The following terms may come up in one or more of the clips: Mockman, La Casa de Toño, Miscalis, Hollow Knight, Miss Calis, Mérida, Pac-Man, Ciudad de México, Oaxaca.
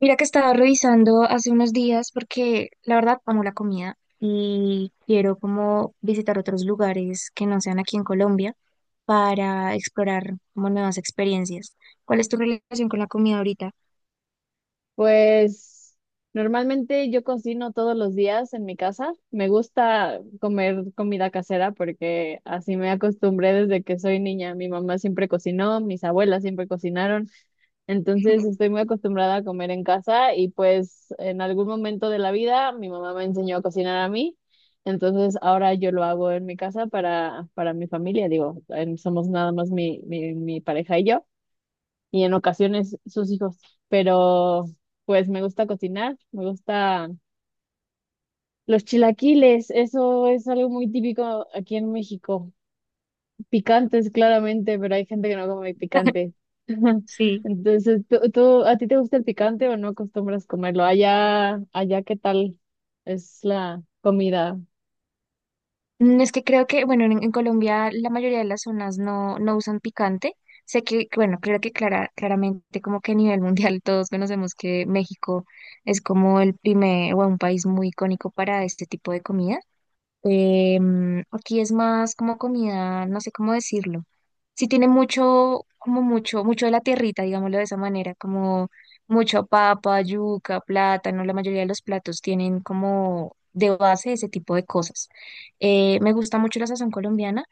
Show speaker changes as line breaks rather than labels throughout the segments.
Mira que estaba revisando hace unos días porque la verdad amo la comida y quiero como visitar otros lugares que no sean aquí en Colombia para explorar como nuevas experiencias. ¿Cuál es tu relación con la comida ahorita?
Pues normalmente yo cocino todos los días en mi casa. Me gusta comer comida casera porque así me acostumbré desde que soy niña. Mi mamá siempre cocinó, mis abuelas siempre cocinaron. Entonces estoy muy acostumbrada a comer en casa y pues en algún momento de la vida mi mamá me enseñó a cocinar a mí. Entonces ahora yo lo hago en mi casa para mi familia. Digo, somos nada más mi pareja y yo y en ocasiones sus hijos. Pero pues me gusta cocinar, me gusta los chilaquiles, eso es algo muy típico aquí en México. Picantes, claramente, pero hay gente que no come picante.
Sí.
Entonces, a ti te gusta el picante o no acostumbras comerlo? ¿Qué tal es la comida?
Es que creo que, bueno, en Colombia la mayoría de las zonas no usan picante. Sé que, bueno, creo que claramente como que a nivel mundial todos conocemos que México es como el primer o un país muy icónico para este tipo de comidas. Aquí es más como comida, no sé cómo decirlo. Sí tiene mucho, como mucho, mucho de la tierrita, digámoslo de esa manera, como mucho papa, yuca, plátano, la mayoría de los platos tienen como de base ese tipo de cosas. Me gusta mucho la sazón colombiana.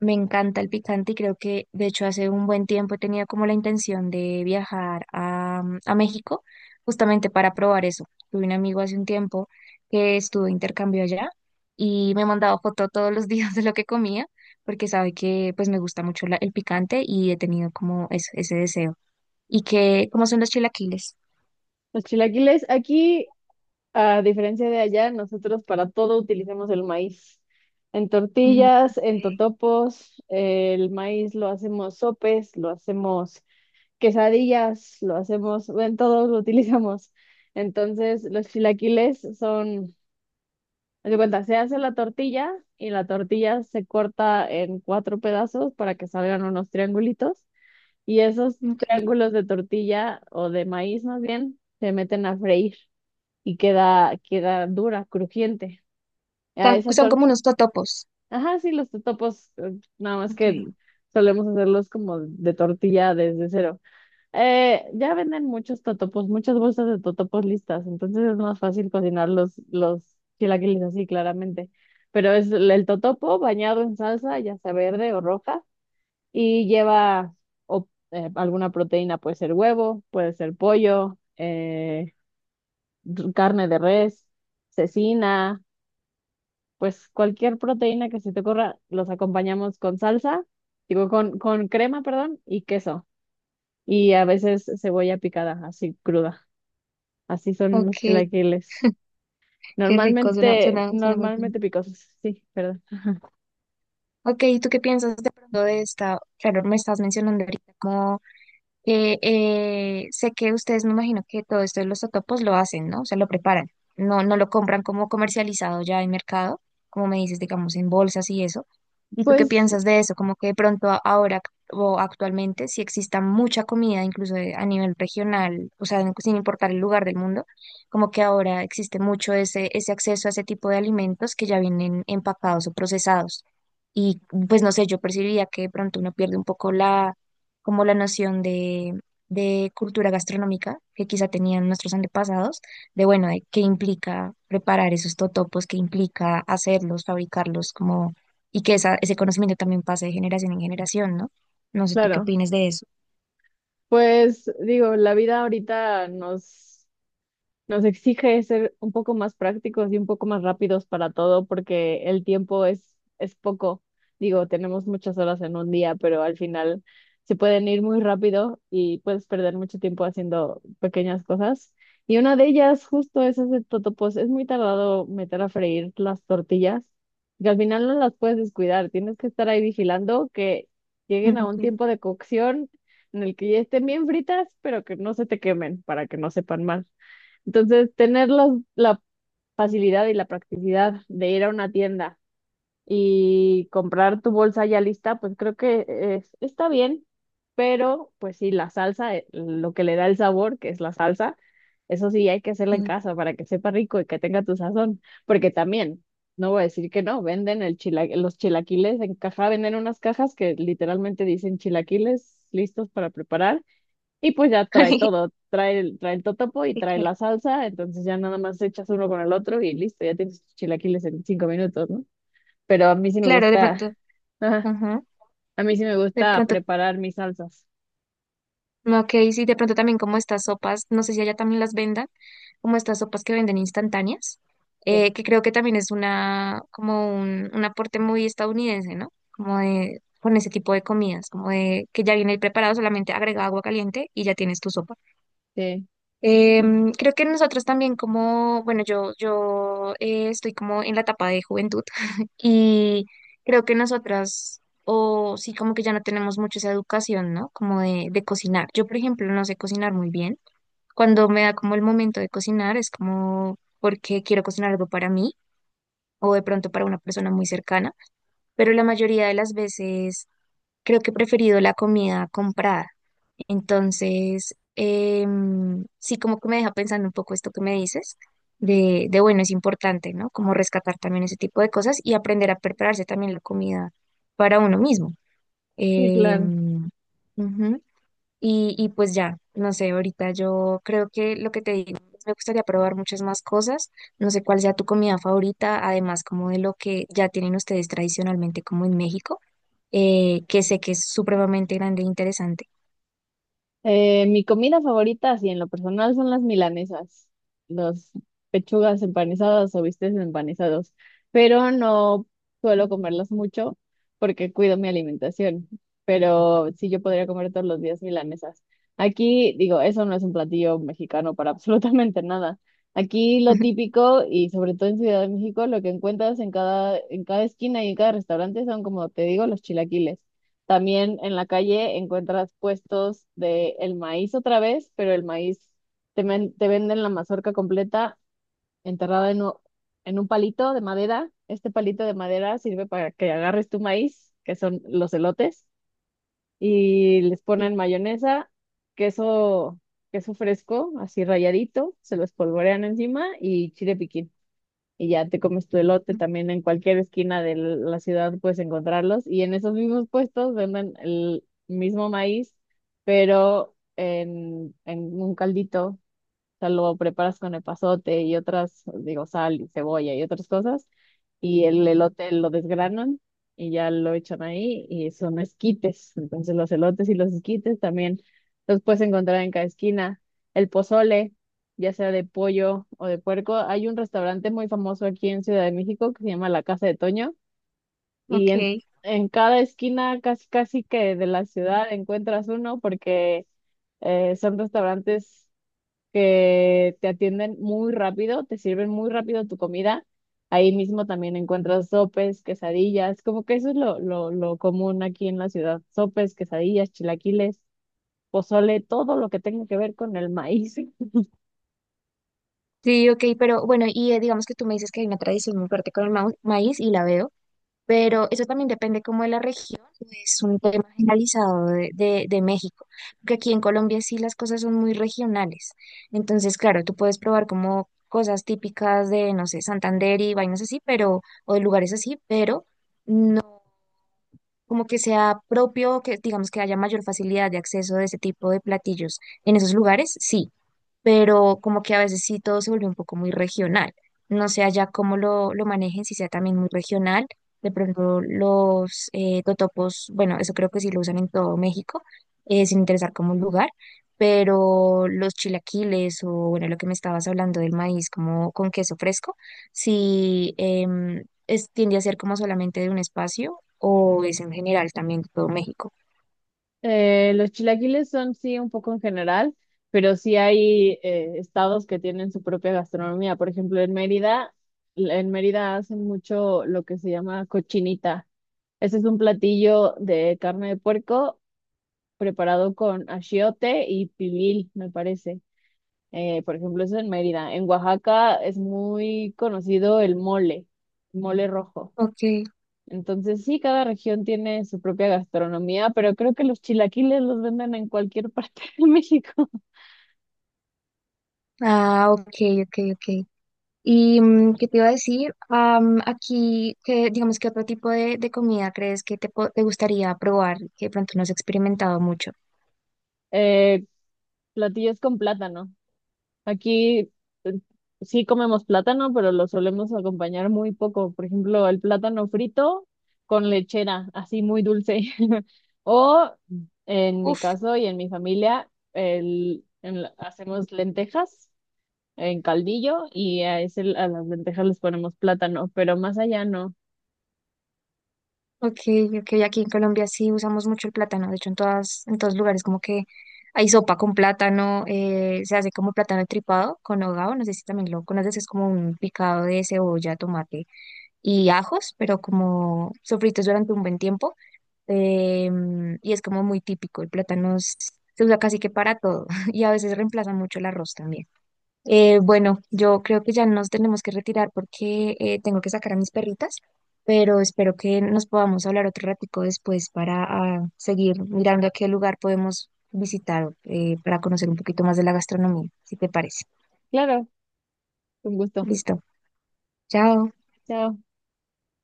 Me encanta el picante y creo que de hecho hace un buen tiempo tenía como la intención de viajar a, a México justamente para probar eso. Tuve un amigo hace un tiempo que estuvo de intercambio allá y me mandaba foto todos los días de lo que comía porque sabe que pues me gusta mucho el picante y he tenido como ese deseo. ¿Y que cómo son los chilaquiles?
Los chilaquiles aquí, a diferencia de allá, nosotros para todo utilizamos el maíz. En
Ujú.
tortillas, en
Okay.
totopos, el maíz lo hacemos sopes, lo hacemos quesadillas, lo hacemos, en todo lo utilizamos. Entonces, los chilaquiles son, haz de cuenta, se hace la tortilla y la tortilla se corta en cuatro pedazos para que salgan unos triangulitos y esos
okay,
triángulos de tortilla o de maíz más bien se meten a freír y queda, queda dura, crujiente. A
Son,
esa
son
torta,
como unos totopos.
ajá, sí, los totopos, nada más que
Okay,
solemos hacerlos como de tortilla desde cero. Ya venden muchos totopos, muchas bolsas de totopos listas, entonces es más fácil cocinar los chilaquiles así, claramente. Pero es el totopo bañado en salsa, ya sea verde o roja, y lleva alguna proteína, puede ser huevo, puede ser pollo, carne de res, cecina. Pues cualquier proteína que se te ocurra, los acompañamos con salsa, digo, con crema, perdón, y queso. Y a veces cebolla picada, así cruda. Así son los
okay.
chilaquiles.
Qué rico, suena,
Normalmente,
suena, suena muy bien.
normalmente picosos, sí, perdón.
Ok, ¿y tú qué piensas de pronto de esta? Claro, me estás mencionando ahorita como sé que ustedes, me imagino que todo esto de los totopos lo hacen, ¿no? O sea, lo preparan. No lo compran como comercializado ya en mercado, como me dices, digamos, en bolsas y eso. ¿Y tú qué
Pues,
piensas de eso? Como que de pronto ahora o actualmente, si exista mucha comida, incluso a nivel regional, o sea, sin importar el lugar del mundo, como que ahora existe mucho ese, ese acceso a ese tipo de alimentos que ya vienen empacados o procesados. Y pues no sé, yo percibía que de pronto uno pierde un poco la como la noción de cultura gastronómica que quizá tenían nuestros antepasados, de bueno, de qué implica preparar esos totopos, qué implica hacerlos, fabricarlos, como, y que esa, ese conocimiento también pase de generación en generación, ¿no? No sé tú qué
claro,
opinas de eso.
pues digo, la vida ahorita nos nos exige ser un poco más prácticos y un poco más rápidos para todo porque el tiempo es poco. Digo, tenemos muchas horas en un día, pero al final se pueden ir muy rápido y puedes perder mucho tiempo haciendo pequeñas cosas. Y una de ellas justo es hacer totopos. Es muy tardado meter a freír las tortillas, que al final no las puedes descuidar. Tienes que estar ahí vigilando que
Mm,
lleguen a
ok.
un tiempo de cocción en el que ya estén bien fritas, pero que no se te quemen para que no sepan mal. Entonces, tener la facilidad y la practicidad de ir a una tienda y comprar tu bolsa ya lista, pues creo que está bien, pero pues sí, la salsa, lo que le da el sabor, que es la salsa, eso sí hay que hacerla en
Mm.
casa para que sepa rico y que tenga tu sazón, porque también, no voy a decir que no, venden los chilaquiles en caja, venden unas cajas que literalmente dicen chilaquiles listos para preparar y pues ya trae todo, trae el totopo y
Sí.
trae
Claro.
la salsa, entonces ya nada más echas uno con el otro y listo, ya tienes tus chilaquiles en cinco minutos, ¿no? Pero a mí sí me
Claro, de
gusta,
pronto,
ajá,
ajá.
a mí sí me
De
gusta
pronto.
preparar mis salsas.
Ok, sí, de pronto también como estas sopas, no sé si allá también las vendan, como estas sopas que venden instantáneas,
Sí,
que creo que también es una, como un aporte muy estadounidense, ¿no? Como de, con ese tipo de comidas, como de que ya viene preparado, solamente agrega agua caliente y ya tienes tu sopa.
sí,
Creo que nosotros también como, bueno, yo estoy como en la etapa de juventud y creo que nosotras, o sí, como que ya no tenemos mucho esa educación, ¿no? Como de cocinar. Yo, por ejemplo, no sé cocinar muy bien. Cuando me da como el momento de cocinar, es como porque quiero cocinar algo para mí o de pronto para una persona muy cercana, pero la mayoría de las veces creo que he preferido la comida comprada. Entonces, sí, como que me deja pensando un poco esto que me dices, de bueno, es importante, ¿no? Como rescatar también ese tipo de cosas y aprender a prepararse también la comida para uno mismo.
sí, claro.
Em. Ujú. Y pues ya, no sé, ahorita yo creo que lo que te digo, pues, me gustaría probar muchas más cosas, no sé cuál sea tu comida favorita, además como de lo que ya tienen ustedes tradicionalmente como en México, que sé que es supremamente grande e interesante.
Mi comida favorita, así en lo personal, son las milanesas, los pechugas empanizadas o bistecs empanizados, pero no suelo comerlas mucho porque cuido mi alimentación, pero sí yo podría comer todos los días milanesas. Aquí, digo, eso no es un platillo mexicano para absolutamente nada. Aquí lo típico y sobre todo en Ciudad de México, lo que encuentras en cada esquina y en cada restaurante son, como te digo, los chilaquiles. También en la calle encuentras puestos de el maíz otra vez, pero el maíz te venden la mazorca completa enterrada en, en un palito de madera. Este palito de madera sirve para que agarres tu maíz, que son los elotes, y les ponen mayonesa, queso, queso fresco, así rayadito, se lo espolvorean encima y chile piquín y ya te comes tu elote
Sí.
también en cualquier esquina de la ciudad puedes encontrarlos y en esos mismos puestos venden el mismo maíz, pero en un caldito, o sea, lo preparas con epazote y otras, digo, sal y cebolla y otras cosas. Y el elote lo desgranan y ya lo echan ahí y son esquites. Entonces los elotes y los esquites también los puedes encontrar en cada esquina. El pozole, ya sea de pollo o de puerco. Hay un restaurante muy famoso aquí en Ciudad de México que se llama La Casa de Toño y
Ok,
en cada esquina casi casi que de la ciudad encuentras uno porque son restaurantes que te atienden muy rápido, te sirven muy rápido tu comida. Ahí mismo también encuentras sopes, quesadillas, como que eso es lo común aquí en la ciudad. Sopes, quesadillas, chilaquiles, pozole, todo lo que tenga que ver con el maíz.
sí, ok, pero bueno, y digamos que tú me dices que hay una tradición muy fuerte con el maíz y la veo, pero eso también depende como de la región, no es un tema generalizado de México, porque aquí en Colombia sí las cosas son muy regionales, entonces claro, tú puedes probar como cosas típicas de, no sé, Santander y vainas así, pero, o de lugares así, pero no. Como que sea propio, que digamos que haya mayor facilidad de acceso de ese tipo de platillos en esos lugares, sí, pero como que a veces sí todo se vuelve un poco muy regional. No sé allá cómo lo manejen, si sea también muy regional. De pronto los totopos, bueno, eso creo que sí lo usan en todo México, sin interesar como un lugar, pero los chilaquiles o bueno, lo que me estabas hablando del maíz como con queso fresco, sí es, tiende a ser como solamente de un espacio o es en general también todo México?
Los chilaquiles son sí un poco en general, pero sí hay estados que tienen su propia gastronomía. Por ejemplo, en Mérida hacen mucho lo que se llama cochinita. Ese es un platillo de carne de puerco preparado con achiote y pibil, me parece. Por ejemplo, eso en Mérida. En Oaxaca es muy conocido el mole, mole rojo.
Ok,
Entonces, sí, cada región tiene su propia gastronomía, pero creo que los chilaquiles los venden en cualquier parte de México.
ah, ok, ok, ok. ¿Y qué te iba a decir? Am, aquí, ¿qué, digamos, qué otro tipo de comida crees que te, te gustaría probar que de pronto no has experimentado mucho?
Eh, platillos con plátano. Aquí eh, sí comemos plátano, pero lo solemos acompañar muy poco. Por ejemplo, el plátano frito con lechera, así muy dulce. O en mi
Uf,
caso y en mi familia, el, hacemos lentejas en caldillo y a, ese, a las lentejas les ponemos plátano, pero más allá no.
ok, ok, aquí en Colombia sí usamos mucho el plátano, de hecho en todas, en todos lugares como que hay sopa con plátano, se hace como plátano tripado con hogao, no sé si también lo conoces, es como un picado de cebolla, tomate y ajos, pero como sofritos durante un buen tiempo y es como muy típico, el plátano se usa casi que para todo y a veces reemplaza mucho el arroz también. Bueno, yo creo que ya nos tenemos que retirar porque tengo que sacar a mis perritas, pero espero que nos podamos hablar otro ratico después para seguir mirando a qué lugar podemos visitar para conocer un poquito más de la gastronomía, si te parece.
Claro, con gusto.
Listo, chao.
Chao.